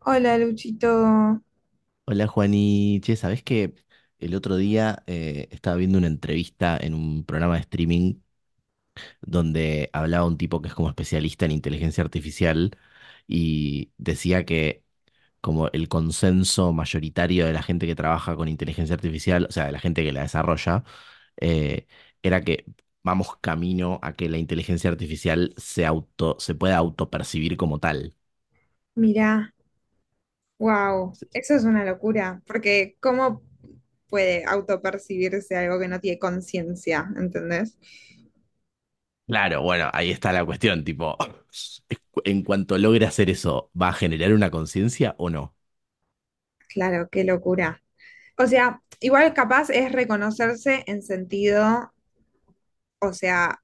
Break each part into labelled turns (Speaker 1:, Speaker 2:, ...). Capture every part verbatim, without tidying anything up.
Speaker 1: Hola, Luchito.
Speaker 2: Hola Juani, che, ¿sabés que el otro día eh, estaba viendo una entrevista en un programa de streaming donde hablaba un tipo que es como especialista en inteligencia artificial y decía que como el consenso mayoritario de la gente que trabaja con inteligencia artificial, o sea, de la gente que la desarrolla, eh, era que vamos camino a que la inteligencia artificial se auto, se pueda autopercibir como tal.
Speaker 1: Mirá, wow, eso es una locura, porque ¿cómo puede autopercibirse algo que no tiene conciencia? ¿Entendés?
Speaker 2: Claro, bueno, ahí está la cuestión, tipo, en cuanto logre hacer eso, ¿va a generar una conciencia o no?
Speaker 1: Claro, qué locura. O sea, igual capaz es reconocerse en sentido, o sea,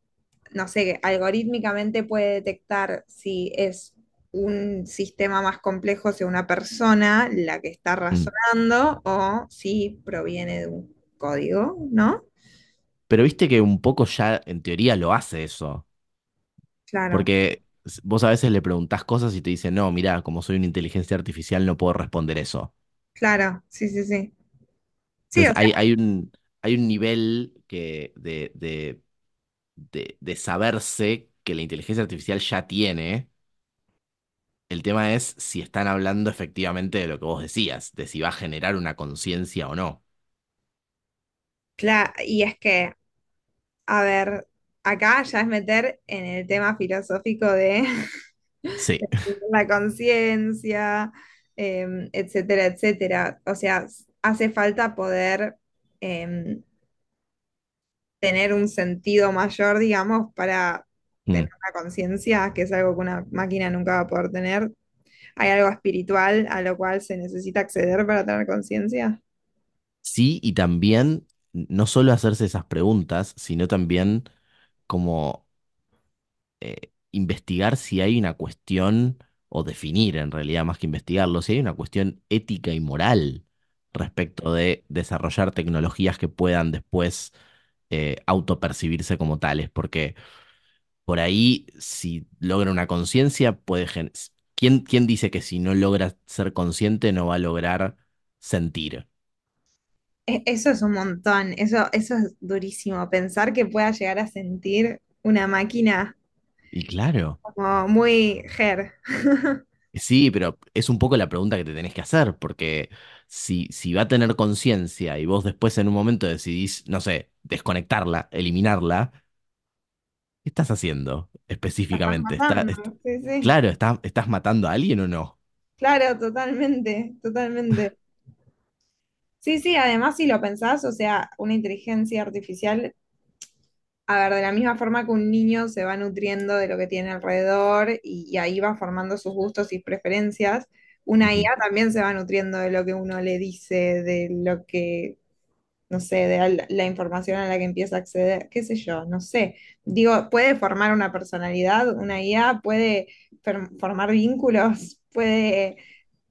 Speaker 1: no sé, que algorítmicamente puede detectar si es un sistema más complejo, si una persona la que está
Speaker 2: Mm.
Speaker 1: razonando o si proviene de un código, ¿no?
Speaker 2: Pero viste que un poco ya en teoría lo hace eso,
Speaker 1: Claro.
Speaker 2: porque s- vos a veces le preguntás cosas y te dicen, no, mira, como soy una inteligencia artificial no puedo responder eso.
Speaker 1: Claro, sí, sí, sí. Sí,
Speaker 2: Entonces
Speaker 1: o sea,
Speaker 2: hay, hay un, hay un nivel que de, de, de, de saberse que la inteligencia artificial ya tiene. El tema es si están hablando efectivamente de lo que vos decías, de si va a generar una conciencia o no.
Speaker 1: claro, y es que, a ver, acá ya es meter en el tema filosófico de
Speaker 2: Sí.
Speaker 1: la conciencia, em, etcétera, etcétera. O sea, s- hace falta poder em, tener un sentido mayor, digamos, para
Speaker 2: Mm.
Speaker 1: tener una conciencia, que es algo que una máquina nunca va a poder tener. ¿Hay algo espiritual a lo cual se necesita acceder para tener conciencia?
Speaker 2: Sí, y también no solo hacerse esas preguntas, sino también como eh, investigar si hay una cuestión, o definir en realidad más que investigarlo, si hay una cuestión ética y moral respecto de desarrollar tecnologías que puedan después eh, autopercibirse como tales, porque por ahí si logra una conciencia, puede... gen- ¿Quién, quién dice que si no logra ser consciente no va a lograr sentir?
Speaker 1: E- Eso es un montón, eso, eso es durísimo, pensar que pueda llegar a sentir una máquina
Speaker 2: Y claro.
Speaker 1: como muy her.
Speaker 2: Sí, pero es un poco la pregunta que te tenés que hacer, porque si, si va a tener conciencia y vos después en un momento decidís, no sé, desconectarla, eliminarla, ¿qué estás haciendo
Speaker 1: La estás
Speaker 2: específicamente? Está,
Speaker 1: matando,
Speaker 2: est-
Speaker 1: sí, sí.
Speaker 2: claro, está- ¿estás matando a alguien o no?
Speaker 1: Claro, totalmente, totalmente. Sí, sí, además si lo pensás, o sea, una inteligencia artificial. A ver, de la misma forma que un niño se va nutriendo de lo que tiene alrededor y, y ahí va formando sus gustos y preferencias, una
Speaker 2: Ujú,
Speaker 1: I A también se va nutriendo de lo que uno le dice, de lo que, no sé, de la, la información a la que empieza a acceder, qué sé yo, no sé. Digo, puede formar una personalidad, una I A puede fer- formar vínculos, puede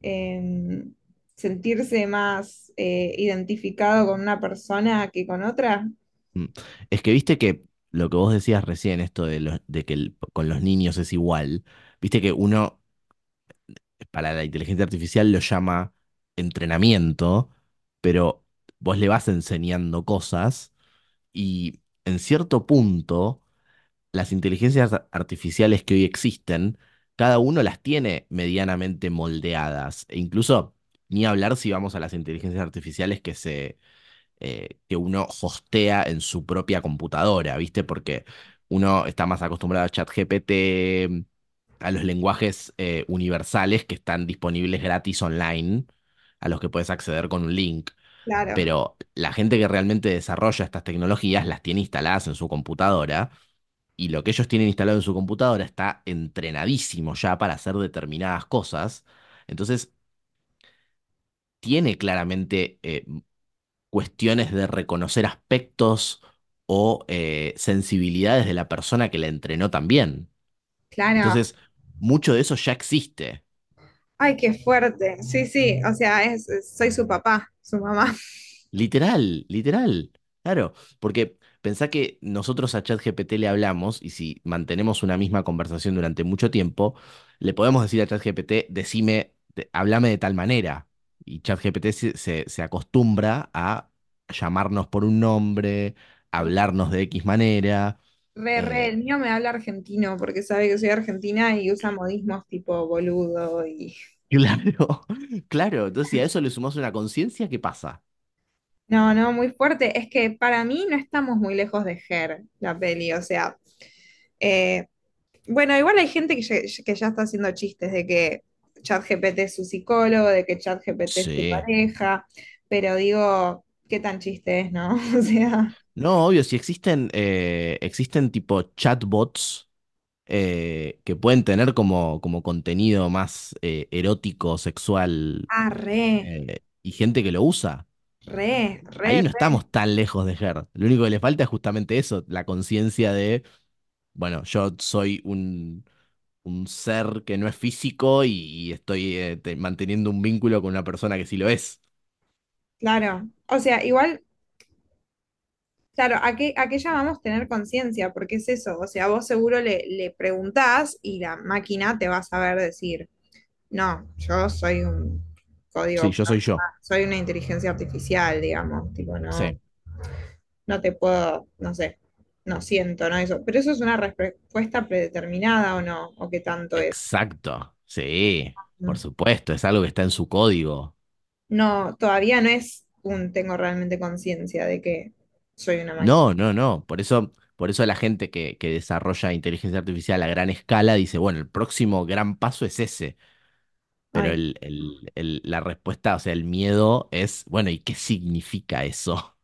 Speaker 1: em, sentirse más eh, identificado con una persona que con otra.
Speaker 2: mm. Es que viste que lo que vos decías recién, esto de, los- de que el- con los niños es igual, viste que uno para la inteligencia artificial lo llama entrenamiento, pero vos le vas enseñando cosas. Y en cierto punto, las inteligencias ar- artificiales que hoy existen, cada uno las tiene medianamente moldeadas. E incluso, ni hablar si vamos a las inteligencias artificiales que se, eh, que uno hostea en su propia computadora, ¿viste? Porque uno está más acostumbrado a ChatGPT, a los lenguajes eh, universales que están disponibles gratis online, a los que puedes acceder con un link,
Speaker 1: Claro,
Speaker 2: pero la gente que realmente desarrolla estas tecnologías las tiene instaladas en su computadora y lo que ellos tienen instalado en su computadora está entrenadísimo ya para hacer determinadas cosas. Entonces, tiene claramente eh, cuestiones de reconocer aspectos o eh, sensibilidades de la persona que la entrenó también.
Speaker 1: claro.
Speaker 2: Entonces, mucho de eso ya existe.
Speaker 1: Ay, qué fuerte. Sí, sí, o sea, es, es- soy su papá, su mamá.
Speaker 2: Literal, literal. Claro, porque pensá que nosotros a ChatGPT le hablamos y si mantenemos una misma conversación durante mucho tiempo, le podemos decir a ChatGPT, decime, te- háblame de tal manera. Y ChatGPT se, se, se acostumbra a llamarnos por un nombre, hablarnos de X manera.
Speaker 1: Re, re, el
Speaker 2: eh,
Speaker 1: mío me habla argentino porque sabe que soy argentina y usa modismos tipo boludo y...
Speaker 2: claro, claro. Entonces, si a eso le sumamos una conciencia, ¿qué pasa?
Speaker 1: No, no, muy fuerte. Es que para mí no estamos muy lejos de Her, la peli, o sea... eh, bueno, igual hay gente que ya, que ya está haciendo chistes de que ChatGPT es su psicólogo, de que ChatGPT es tu
Speaker 2: Sí.
Speaker 1: pareja, pero digo, qué tan chiste es, ¿no? O sea...
Speaker 2: No, obvio, si existen, eh, existen tipo chatbots eh, que pueden tener como, como contenido más eh, erótico, sexual,
Speaker 1: Ah, re,
Speaker 2: eh, y gente que lo usa.
Speaker 1: re,
Speaker 2: Ahí
Speaker 1: re.
Speaker 2: no estamos tan lejos de Her. Lo único que le falta es justamente eso, la conciencia de, bueno, yo soy un, un ser que no es físico y, y estoy eh, te- manteniendo un vínculo con una persona que sí lo es.
Speaker 1: Claro, o sea, igual, claro, ¿a qué, a qué llamamos tener conciencia? Porque es eso, o sea, vos seguro le, le preguntás y la máquina te va a saber decir, no, yo soy un
Speaker 2: Sí,
Speaker 1: código
Speaker 2: yo soy yo.
Speaker 1: programado, soy una inteligencia artificial, digamos, tipo,
Speaker 2: Sí.
Speaker 1: no, no te puedo, no sé, no siento, no eso, pero eso es una respuesta predeterminada o no, o qué tanto es.
Speaker 2: Exacto. Sí, por
Speaker 1: Mm.
Speaker 2: supuesto, es algo que está en su código.
Speaker 1: No, todavía no es un tengo realmente conciencia de que soy una máquina.
Speaker 2: No, no, no. Por eso, por eso la gente que, que desarrolla inteligencia artificial a gran escala dice, bueno, el próximo gran paso es ese. Pero
Speaker 1: Ay.
Speaker 2: el, el- el- la respuesta, o sea, el miedo es, bueno, ¿y qué significa eso?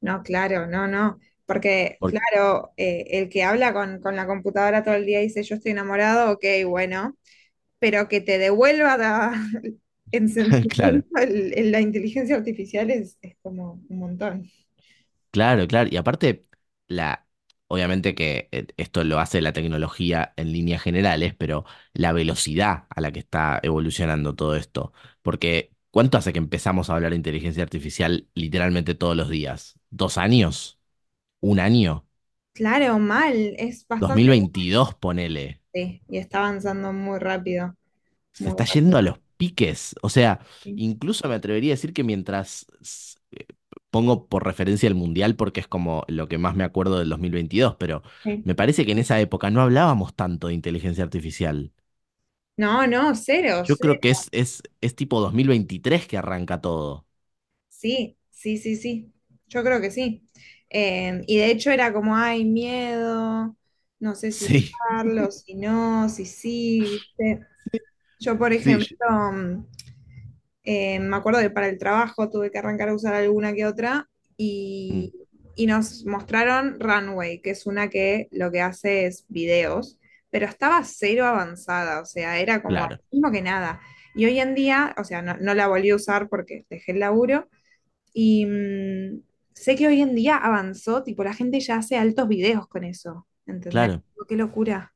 Speaker 1: No, claro, no, no. Porque,
Speaker 2: Porque,
Speaker 1: claro, eh, el que habla con, con la computadora todo el día y dice yo estoy enamorado, ok, bueno, pero que te devuelva la- en
Speaker 2: claro,
Speaker 1: sentimiento el- el- la inteligencia artificial es, es como un montón.
Speaker 2: claro, claro. Y aparte, la, obviamente que eh, esto lo hace la tecnología en líneas generales, pero la velocidad a la que está evolucionando todo esto. Porque, ¿cuánto hace que empezamos a hablar de inteligencia artificial literalmente todos los días? ¿Dos años? Un año,
Speaker 1: Claro, mal, es
Speaker 2: dos mil
Speaker 1: bastante
Speaker 2: veintidós ponele,
Speaker 1: sí, y está avanzando muy rápido,
Speaker 2: se
Speaker 1: muy
Speaker 2: está
Speaker 1: rápido.
Speaker 2: yendo a los piques. O sea,
Speaker 1: Sí,
Speaker 2: incluso me atrevería a decir que mientras s- eh, pongo por referencia el Mundial porque es como lo que más me acuerdo del dos mil veintidós, pero
Speaker 1: sí.
Speaker 2: me parece que en esa época no hablábamos tanto de inteligencia artificial.
Speaker 1: No, no, cero,
Speaker 2: Yo
Speaker 1: cero.
Speaker 2: creo que es, es, es tipo dos mil veintitrés que arranca todo.
Speaker 1: Sí, sí, sí, sí. Yo creo que sí. Eh, y de hecho era como, ay, miedo, no sé si
Speaker 2: Sí,
Speaker 1: usarlo, si no, si sí, ¿viste? Yo, por
Speaker 2: sí,
Speaker 1: ejemplo,
Speaker 2: yo-
Speaker 1: mm, eh, me acuerdo que para el trabajo tuve que arrancar a usar alguna que otra
Speaker 2: mm,
Speaker 1: y, y nos mostraron Runway, que es una que lo que hace es videos, pero estaba cero avanzada, o sea, era como lo
Speaker 2: claro,
Speaker 1: mismo que nada. Y hoy en día, o sea, no, no la volví a usar porque dejé el laburo y mm, sé que hoy en día avanzó, tipo, la gente ya hace altos videos con eso, ¿entendés?
Speaker 2: claro.
Speaker 1: Tipo, qué locura.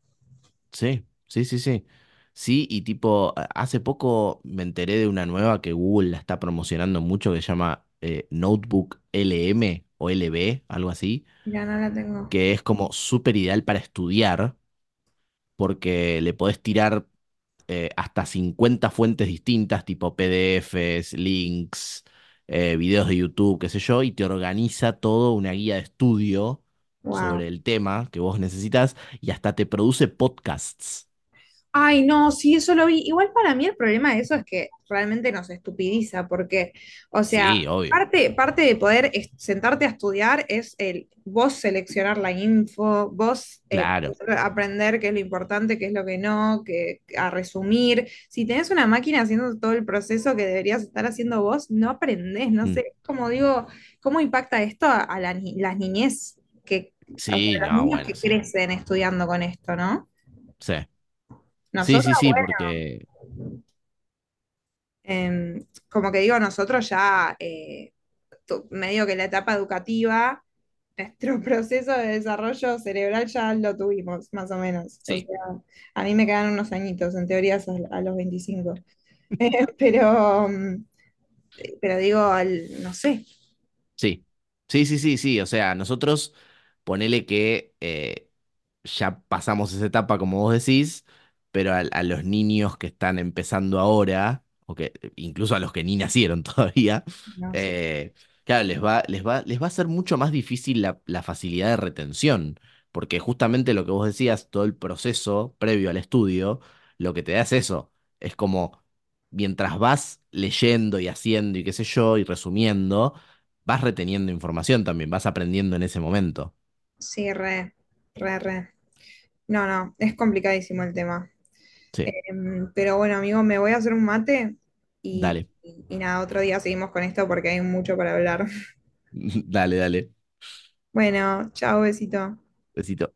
Speaker 2: Sí, sí, sí, sí. Sí, y tipo, a- hace poco me enteré de una nueva que Google la está promocionando mucho que se llama eh, Notebook L M o L B algo así,
Speaker 1: Mira, no la tengo.
Speaker 2: que es como súper ideal para estudiar porque le podés tirar eh, hasta cincuenta fuentes distintas, tipo P D Fs, links, eh, videos de YouTube, qué sé yo, y te organiza todo una guía de estudio
Speaker 1: Wow.
Speaker 2: sobre el tema que vos necesitas y hasta te produce podcasts.
Speaker 1: Ay, no, sí, eso lo vi. Igual para mí el problema de eso es que realmente nos estupidiza, porque, o sea,
Speaker 2: Sí, obvio.
Speaker 1: parte, parte de poder es- sentarte a estudiar es el vos seleccionar la info, vos eh,
Speaker 2: Claro.
Speaker 1: aprender qué es lo importante, qué es lo que no, que, a resumir. Si tenés una máquina haciendo todo el proceso que deberías estar haciendo vos, no aprendés, no
Speaker 2: Mm.
Speaker 1: sé, como digo, ¿cómo impacta esto a, a la ni- las niñez que, a
Speaker 2: Sí,
Speaker 1: los
Speaker 2: no,
Speaker 1: niños
Speaker 2: bueno,
Speaker 1: que
Speaker 2: sí.
Speaker 1: crecen estudiando con esto, ¿no?
Speaker 2: Sí, sí,
Speaker 1: Nosotros.
Speaker 2: sí, sí, porque...
Speaker 1: Em, como que digo, nosotros ya, eh, tu- medio que la etapa educativa, nuestro proceso de desarrollo cerebral ya lo tuvimos, más o menos. O sea,
Speaker 2: Sí.
Speaker 1: a mí me quedan unos añitos, en teoría es a, a los veinticinco. Pero, mm, pero digo, al- no sé,
Speaker 2: Sí, sí, sí, sí, sí. O sea, nosotros ponele que eh, ya pasamos esa etapa, como vos decís, pero al- a, los niños que están empezando ahora, o que incluso a los que ni nacieron todavía,
Speaker 1: no sé.
Speaker 2: eh, claro, les va, les va, les va a ser mucho más difícil la, la facilidad de retención, porque justamente lo que vos decías, todo el proceso previo al estudio, lo que te da es eso. Es como, mientras vas leyendo y haciendo y qué sé yo, y resumiendo vas reteniendo información también, vas aprendiendo en ese momento.
Speaker 1: Sí, re, re, re. No, no, es complicadísimo el tema.
Speaker 2: Sí,
Speaker 1: Em, pero bueno, amigo, me voy a hacer un mate y,
Speaker 2: dale,
Speaker 1: y y nada, otro día seguimos con esto porque hay mucho para hablar.
Speaker 2: dale, dale.
Speaker 1: Bueno, chao, besito.
Speaker 2: Besito.